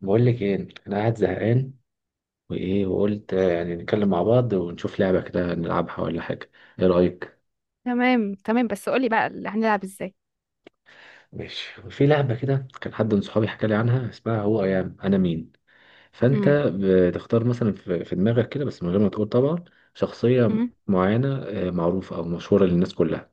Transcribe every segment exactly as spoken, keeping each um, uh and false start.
بقول لك ايه، انا قاعد زهقان. وايه وقلت آه، يعني نتكلم مع بعض ونشوف لعبه كده نلعبها ولا حاجه. ايه رايك؟ تمام تمام، بس قولي بقى اللي هنلعب ازاي؟ ماشي، وفي لعبه كده كان حد من صحابي حكى لي عنها، اسمها هو ايام انا مين. فانت امم بتختار مثلا في في دماغك كده، بس من غير ما تقول طبعا. شخصيه امم معينه آه، معروفه او مشهوره للناس كلها.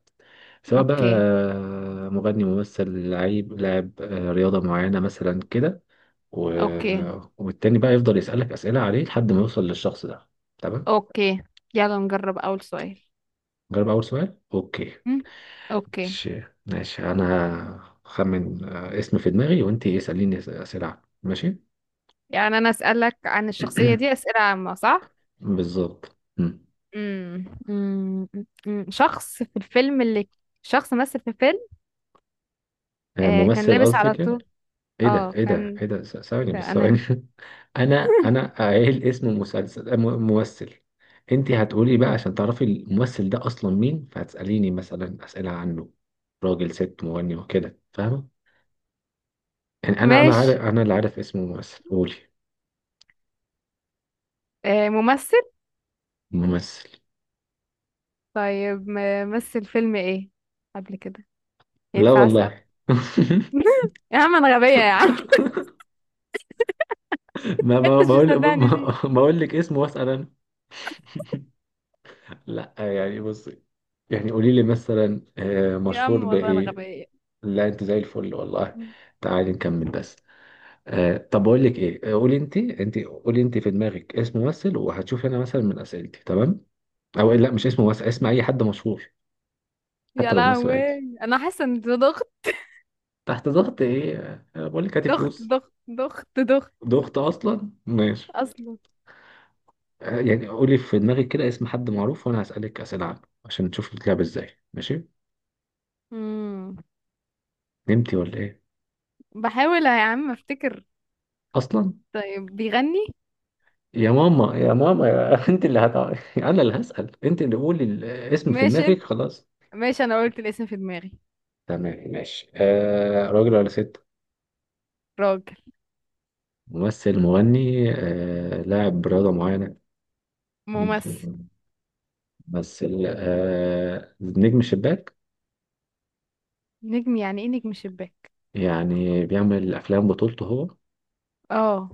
سواء بقى اوكي، آه، مغني، ممثل، لعيب لاعب آه، رياضه معينه مثلا كده. و... اوكي، آه، والتاني بقى يفضل يسالك اسئله عليه لحد ما يوصل للشخص ده. تمام. اوكي. يلا نجرب اول سؤال. جرب أول سؤال. أوكي. امم اوكي. ماشي ماشي، أنا هخمن آه، اسم في دماغي، وأنت اسأليني أس- أسئلة عنه. ماشي. يعني انا اسالك عن الشخصيه دي اسئله عامه، صح؟ بالظبط مم. امم امم أمم. شخص في الفيلم اللي، شخص مثل في فيلم. آه، آه، كان ممثل لابس على قصدك يعني؟ طول. إيه ده، اه، إيه ده، كان إيه ده، س- ثواني كده بس ثواني. انا. أنا أنا قايل اسم مسلسل آه، م- ممثل. أنت هتقولي بقى عشان تعرفي الممثل ده أصلا مين، فهتسأليني مثلا أسئلة عنه. راجل، ست، مغني، وكده، فاهمة؟ يعني أنا أنا عارف، ماشي. أنا اللي عارف اسم الممثل، قولي. آه، ممثل. ممثل. طيب، م- مثل فيلم ايه قبل كده؟ لا ينفع اسأل؟ والله. يا عم انا غبية يا عم. ما انت ما مش بقول مصدقني؟ ما- بقول لك اسمه، واسأل انا. لا يعني، بص. يعني قولي لي مثلا آه، يا مشهور عم والله انا بإيه؟ غبية. لا، انت زي الفل والله. تعالي نكمل بس. آه، طب بقول لك ايه، آه، قولي انت انت قولي انت في دماغك اسم ممثل، وهتشوف انا مثلا من اسئلتي، تمام. او لا، مش اسم ممثل، اسم اي حد مشهور. حتى يا لو ممثل لهوي، عادي. انا حاسة ان ده ضغط. تحت ضغط ايه؟ آه، بقول لك هاتي ضغط فلوس. ضغط ضغط ضغط ضغط اصلا، ماشي. اصلا. آه، يعني قولي في دماغك كده اسم حد معروف، وانا هسألك اسئلة عنه. عشان نشوف بتلعب ازاي، ماشي. امم نمتي ولا ايه؟ بحاول يا عم افتكر. اصلا. طيب، بيغني؟ يا ماما يا ماما يا انت اللي هتع... انا اللي هسأل، انت اللي قولي الاسم في ماشي دماغك، انت. خلاص. ماشي، انا قلت الاسم في دماغي. تمام ماشي. آه راجل ولا ست؟ راجل. ممثل، مغني، آه لاعب رياضة معينة؟ مين فوق؟ ممثل. ممثل آه نجم شباك. نجم؟ يعني ايه نجم شباك؟ يعني بيعمل افلام بطولته هو. اه.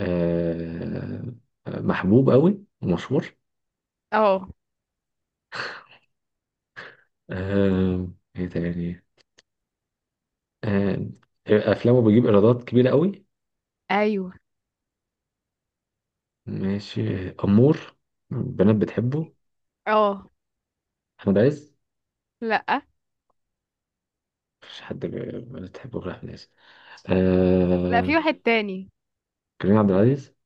آه محبوب قوي ومشهور. اه. آه ايه تاني؟ آه افلامه بيجيب ايرادات كبيرة قوي. ايوه. ماشي، أمور. البنات بتحبه. اه. أحمد عز؟ لا، مفيش حد ب- البنات بتحبه غير أحمد عز. لا، آه... في واحد تاني. كريم عبد العزيز؟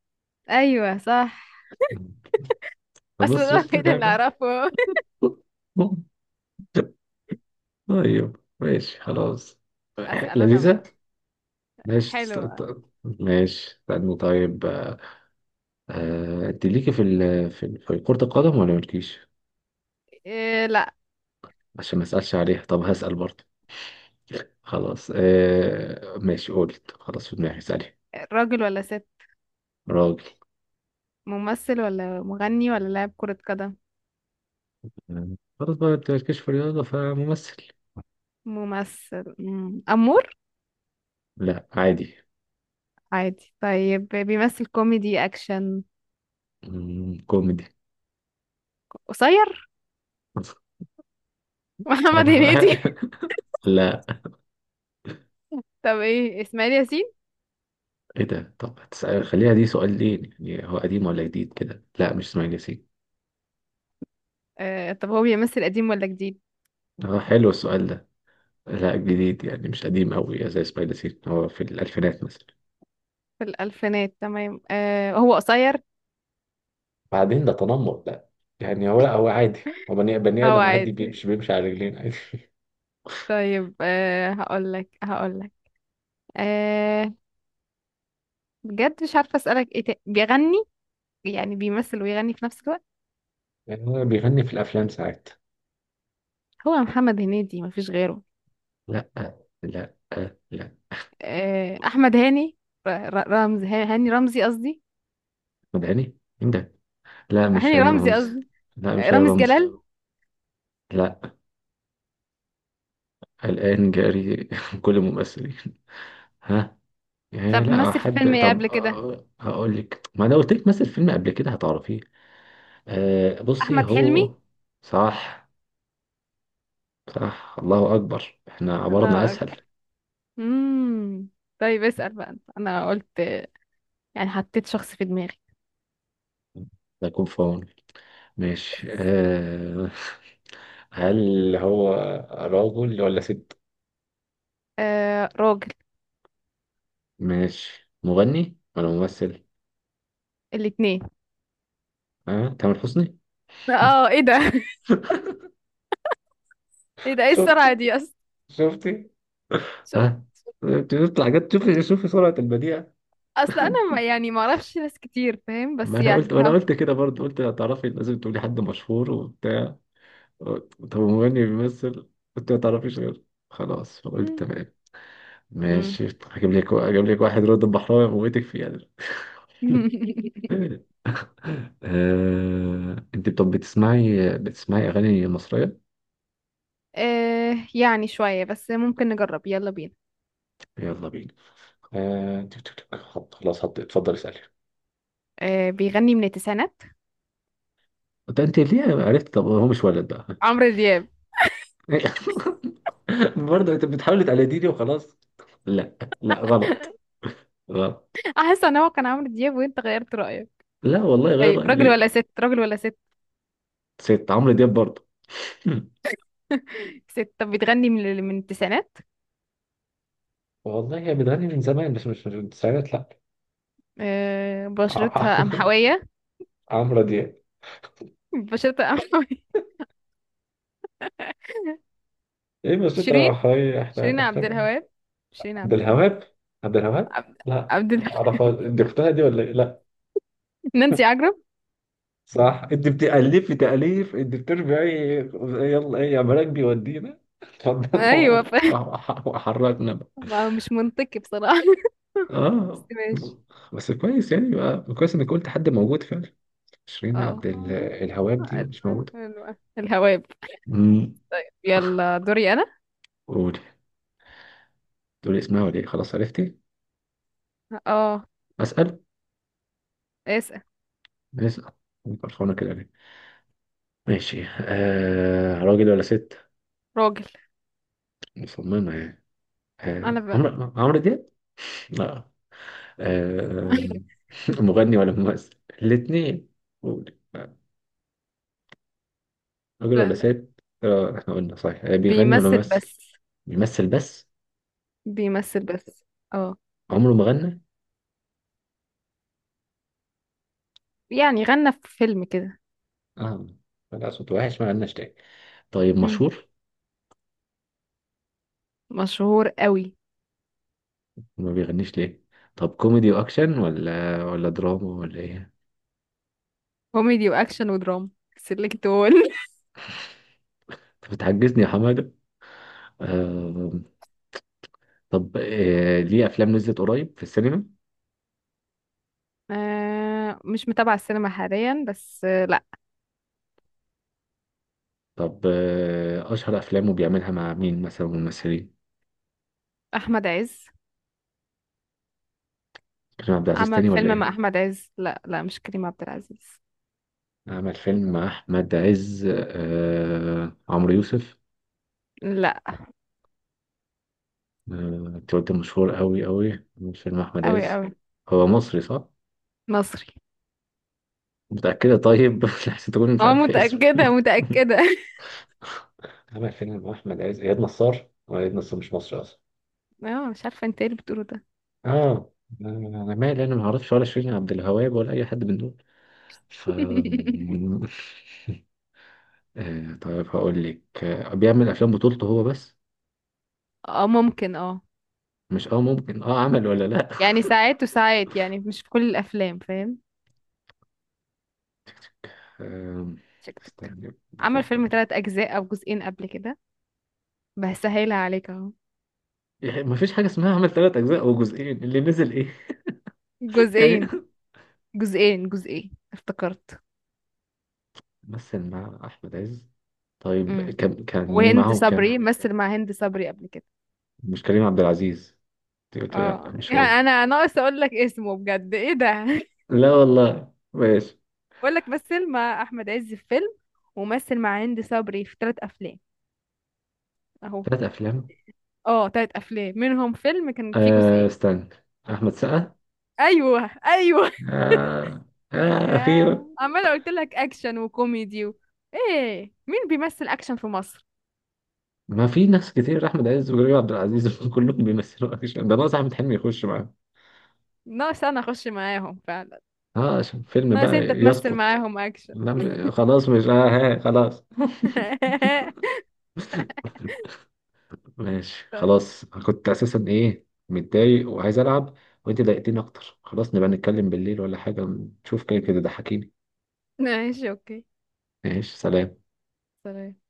ايوه، صح. اصلا بص، ده شفت الوحيد اللي اللعبة. اعرفه. طيب ماشي خلاص. اسال انا لذيذة. بقى. ماشي تست... حلو. ت- ماشي استنى طيب آه... آه، أنت ليكي في ال... في ال- في كرة القدم ولا مالكيش؟ إيه؟ لا. عشان ما أسألش عليها، طب هسأل برضه. خلاص آه... ماشي، قلت خلاص في دماغي، اسألي. راجل ولا ست؟ راجل. ممثل ولا مغني ولا لاعب كرة قدم؟ مم. خلاص بقى، انت مالكش في الرياضة فممثل. ممثل. مم. أمور. لا، عادي. عادي. طيب، بيمثل كوميدي أكشن؟ مم. كوميدي. قصير. محمد أنا- هنيدي؟ لا. طب إيه، إسماعيل ياسين؟ ايه ده؟ طب هتسأل، خليها دي سؤال. ليه يعني هو قديم ولا جديد كده؟ لا، مش اسماعيل ياسين. آه، طب هو بيمثل قديم ولا جديد؟ اه، حلو السؤال ده. لا، جديد، يعني مش قديم قوي زي اسماعيل ياسين. هو في الألفينات مثلا. في الألفينات، تمام. آه، هو قصير؟ بعدين ده تنمر، لا. يعني هو، لا، هو عادي. هو بني بني هو آدم عادي، عادي؟ بيمشي بيمشي على رجلين عادي. طيب، آه هقولك هقولك آه بجد مش عارفة أسألك إيه تاني. بيغني؟ يعني بيمثل ويغني في نفس الوقت؟ يعني هو بيغني في الأفلام ساعات. هو محمد هنيدي، مفيش غيره. لا، لا، لا. آه، أحمد هاني، ر- ر- رمز هاني رمزي قصدي. مدعني مين ده؟ لا، مش هاني هاني رمزي رمزي. قصدي. لا، مش هاني رامز رمزي. جلال. لا. الآن جاري. كل الممثلين. ها. إيه؟ طب لا مثل في فيلم حد؟ ايه طب قبل كده؟ آه، هقول لك، ما انا قلت لك مثل فيلم قبل كده هتعرفيه. آه بصي، احمد هو. حلمي. صح. صح، الله اكبر، احنا عبارنا لا اسهل. أكبر. امم طيب، اسال بقى أنت. انا قلت، يعني حطيت شخص في دماغي. ده يكون فاون. ماشي. آه هل هو راجل ولا ست؟ آه، راجل. ماشي، مغني ولا ممثل؟ الاتنين. ها، تامر حسني؟ اه، ايه ده؟ ايه ده؟ ايه شفت السرعه دي اصلا؟ شفت، شوف. ها. بتطلع جت، شوفي شوفي سرعة البديع. اصل انا ما يعني ما اعرفش ناس كتير، فاهم؟ ما بس انا قلت، يعني، ما انا ها. قلت كده برضه، قلت هتعرفي، لازم تقولي حد مشهور وبتاع. طب مغني بيمثل. قلت ما تعرفيش غير. خلاص، فقلت مم. تمام. مم. ماشي، هجيب لك هجيب لك واحد رد البحراوي موتك فيه يعني. آه... انت طب بتسمعي بتسمعي اغاني مصرية؟ آه، يعني شويه، بس ممكن نجرب. يلا بينا. يلا بينا. آه... تك- تك- تك. حط خلاص، حط، اتفضل اسألي. آه، بيغني من التسعينات. ده انت ليه عرفت؟ طب هو مش ولد بقى؟ عمرو دياب. برضه انت بتحاول تقلديني وخلاص. لا، لا، غلط. غلط. احس ان هو كان عمرو دياب وانت غيرت رايك. لا والله، غير ايوه. رأيي راجل ليه؟ ولا ست؟ راجل ولا ست؟ ست؟ عمرو دياب برضه؟ ست. طب بتغني من من التسعينات؟ والله هي بتغني من زمان، بس مش مش من التسعينات، لا. آه، بشرتها قمحوية. عمرو دياب؟ بشرتها قمحوية. ايه بس انت شيرين. حي- احنا شيرين احنا عبد الوهاب. شيرين عبد عبد الوهاب. الوهاب؟ عبد الوهاب. عبد, لا. عبد ال... اعرف دي، اختها دي ولا ايه؟ لا. نانسي عجرم. صح، انت بتألف في تأليف، انت بترجعي. يلا ايه يا مراكبي ودينا، اتفضل. ايوه، ف... وحركنا. ما- مش منطقي بصراحة. بس اه، ماشي. بس كويس، يعني بقى كويس انك قلت حد موجود فعلا. شيرين اه. عبد ال- الهواب دي مش موجودة. حلوة. الهواب. امم. يلا دوري انا. قول. تقول اسمها ولا ايه؟ خلاص عرفتي؟ اه. اسال. اسأل. اسال. فرحانة كده ليه؟ ماشي. آه راجل ولا ست؟ راجل. مصممة يعني. آه انا بقى. عمرو عمرو دياب؟ لا. آه. مغني ولا ممثل؟ الاتنين. قول. راجل لا، ولا لا. ست؟ آه احنا قلنا صحيح. آه بيغني ولا بيمثل ممثل؟ بس. بيمثل بس. بيمثل بس. اه، عمره ما غنى. يعني غنى في فيلم كده. اه. لا، صوت وحش، ما غناش تاني. طيب، مشهور؟ مشهور قوي. ما بيغنيش ليه؟ طب كوميدي واكشن ولا ولا دراما ولا ايه؟ كوميدي واكشن ودراما. سيلكت اول. انت بتحجزني يا حماده. آه. طب آه ليه افلام نزلت قريب في السينما؟ آه مش متابعة السينما حاليا، بس آه لا. طب آه اشهر افلامه بيعملها مع مين مثلا ممثلين؟ احمد عز. كريم عبد العزيز عمل تاني ولا فيلم مع ايه؟ احمد عز، لا لا مش كريم عبد العزيز. عمل فيلم مع احمد عز، آه عمرو يوسف؟ لا. آه. انت قلت مشهور قوي قوي، عمل فيلم مع احمد قوي عز. قوي. هو مصري صح؟ مصري. متأكدة؟ طيب، لحسن تكون مش اه، عارف اسمه. متأكدة متأكدة. عمل فيلم مع احمد عز، اياد نصار؟ هو اياد نصار مش مصري اصلا. اه، مش عارفة انت ايه اللي بتقوله ده. اه. انا مالي، انا ما اعرفش ولا شيرين عبد الوهاب ولا اي حد من دول. ف. آه، طيب هقول لك، آه، بيعمل افلام بطولته هو بس. اه، ممكن اه. مش اه ممكن، اه عمل ولا لا؟ يعني ساعات وساعات، يعني مش في كل الافلام، فاهم؟ آم، شكتك. استني عمل فيلم بفكر. ثلاث اجزاء او جزئين قبل كده. بسهلها عليك اهو. يعني ما فيش حاجه اسمها، عمل ثلاث اجزاء او جزئين، اللي نزل ايه؟ يعني. جزئين، جزئين جزئين افتكرت. مثل مع احمد عز. طيب، امم كان كان مين وهند معاهم كمان؟ صبري، مثل مع هند صبري قبل كده. مش كريم عبد العزيز؟ أنت قلت لي لا، اه مش هو. يعني، انا ناقص اقول لك اسمه بجد، ايه ده؟ لا والله، ماشي. بقول لك مثل مع احمد عز في فيلم، ومثل مع هند صبري في ثلاث افلام. اهو. ثلاث أفلام؟ اه، ثلاث افلام منهم فيلم كان فيه آه جزئين. استنى. أحمد سقا؟ ايوه، ايوه. آه. آه يا أخيرا. عماله قلت لك اكشن وكوميدي و... ايه مين بيمثل اكشن في مصر؟ ما في ناس كتير، أحمد عز وكريم عبد العزيز، كلهم بيمثلوا أكشن. ده ناقص أحمد حلمي يخش معاه. ناقص انا اخش معاهم فعلا. آه عشان فيلم ناقص بقى انت تمثل يسقط. معاهم اكشن. لم خلاص، مش آه ها، خلاص. ماشي خلاص، أنا كنت أساسا إيه متضايق وعايز ألعب. وأنت ضايقتني أكتر، خلاص نبقى نتكلم بالليل ولا حاجة. نشوف كده كده، ضحكيني. ماشي اوكي. ماشي، سلام. سلام.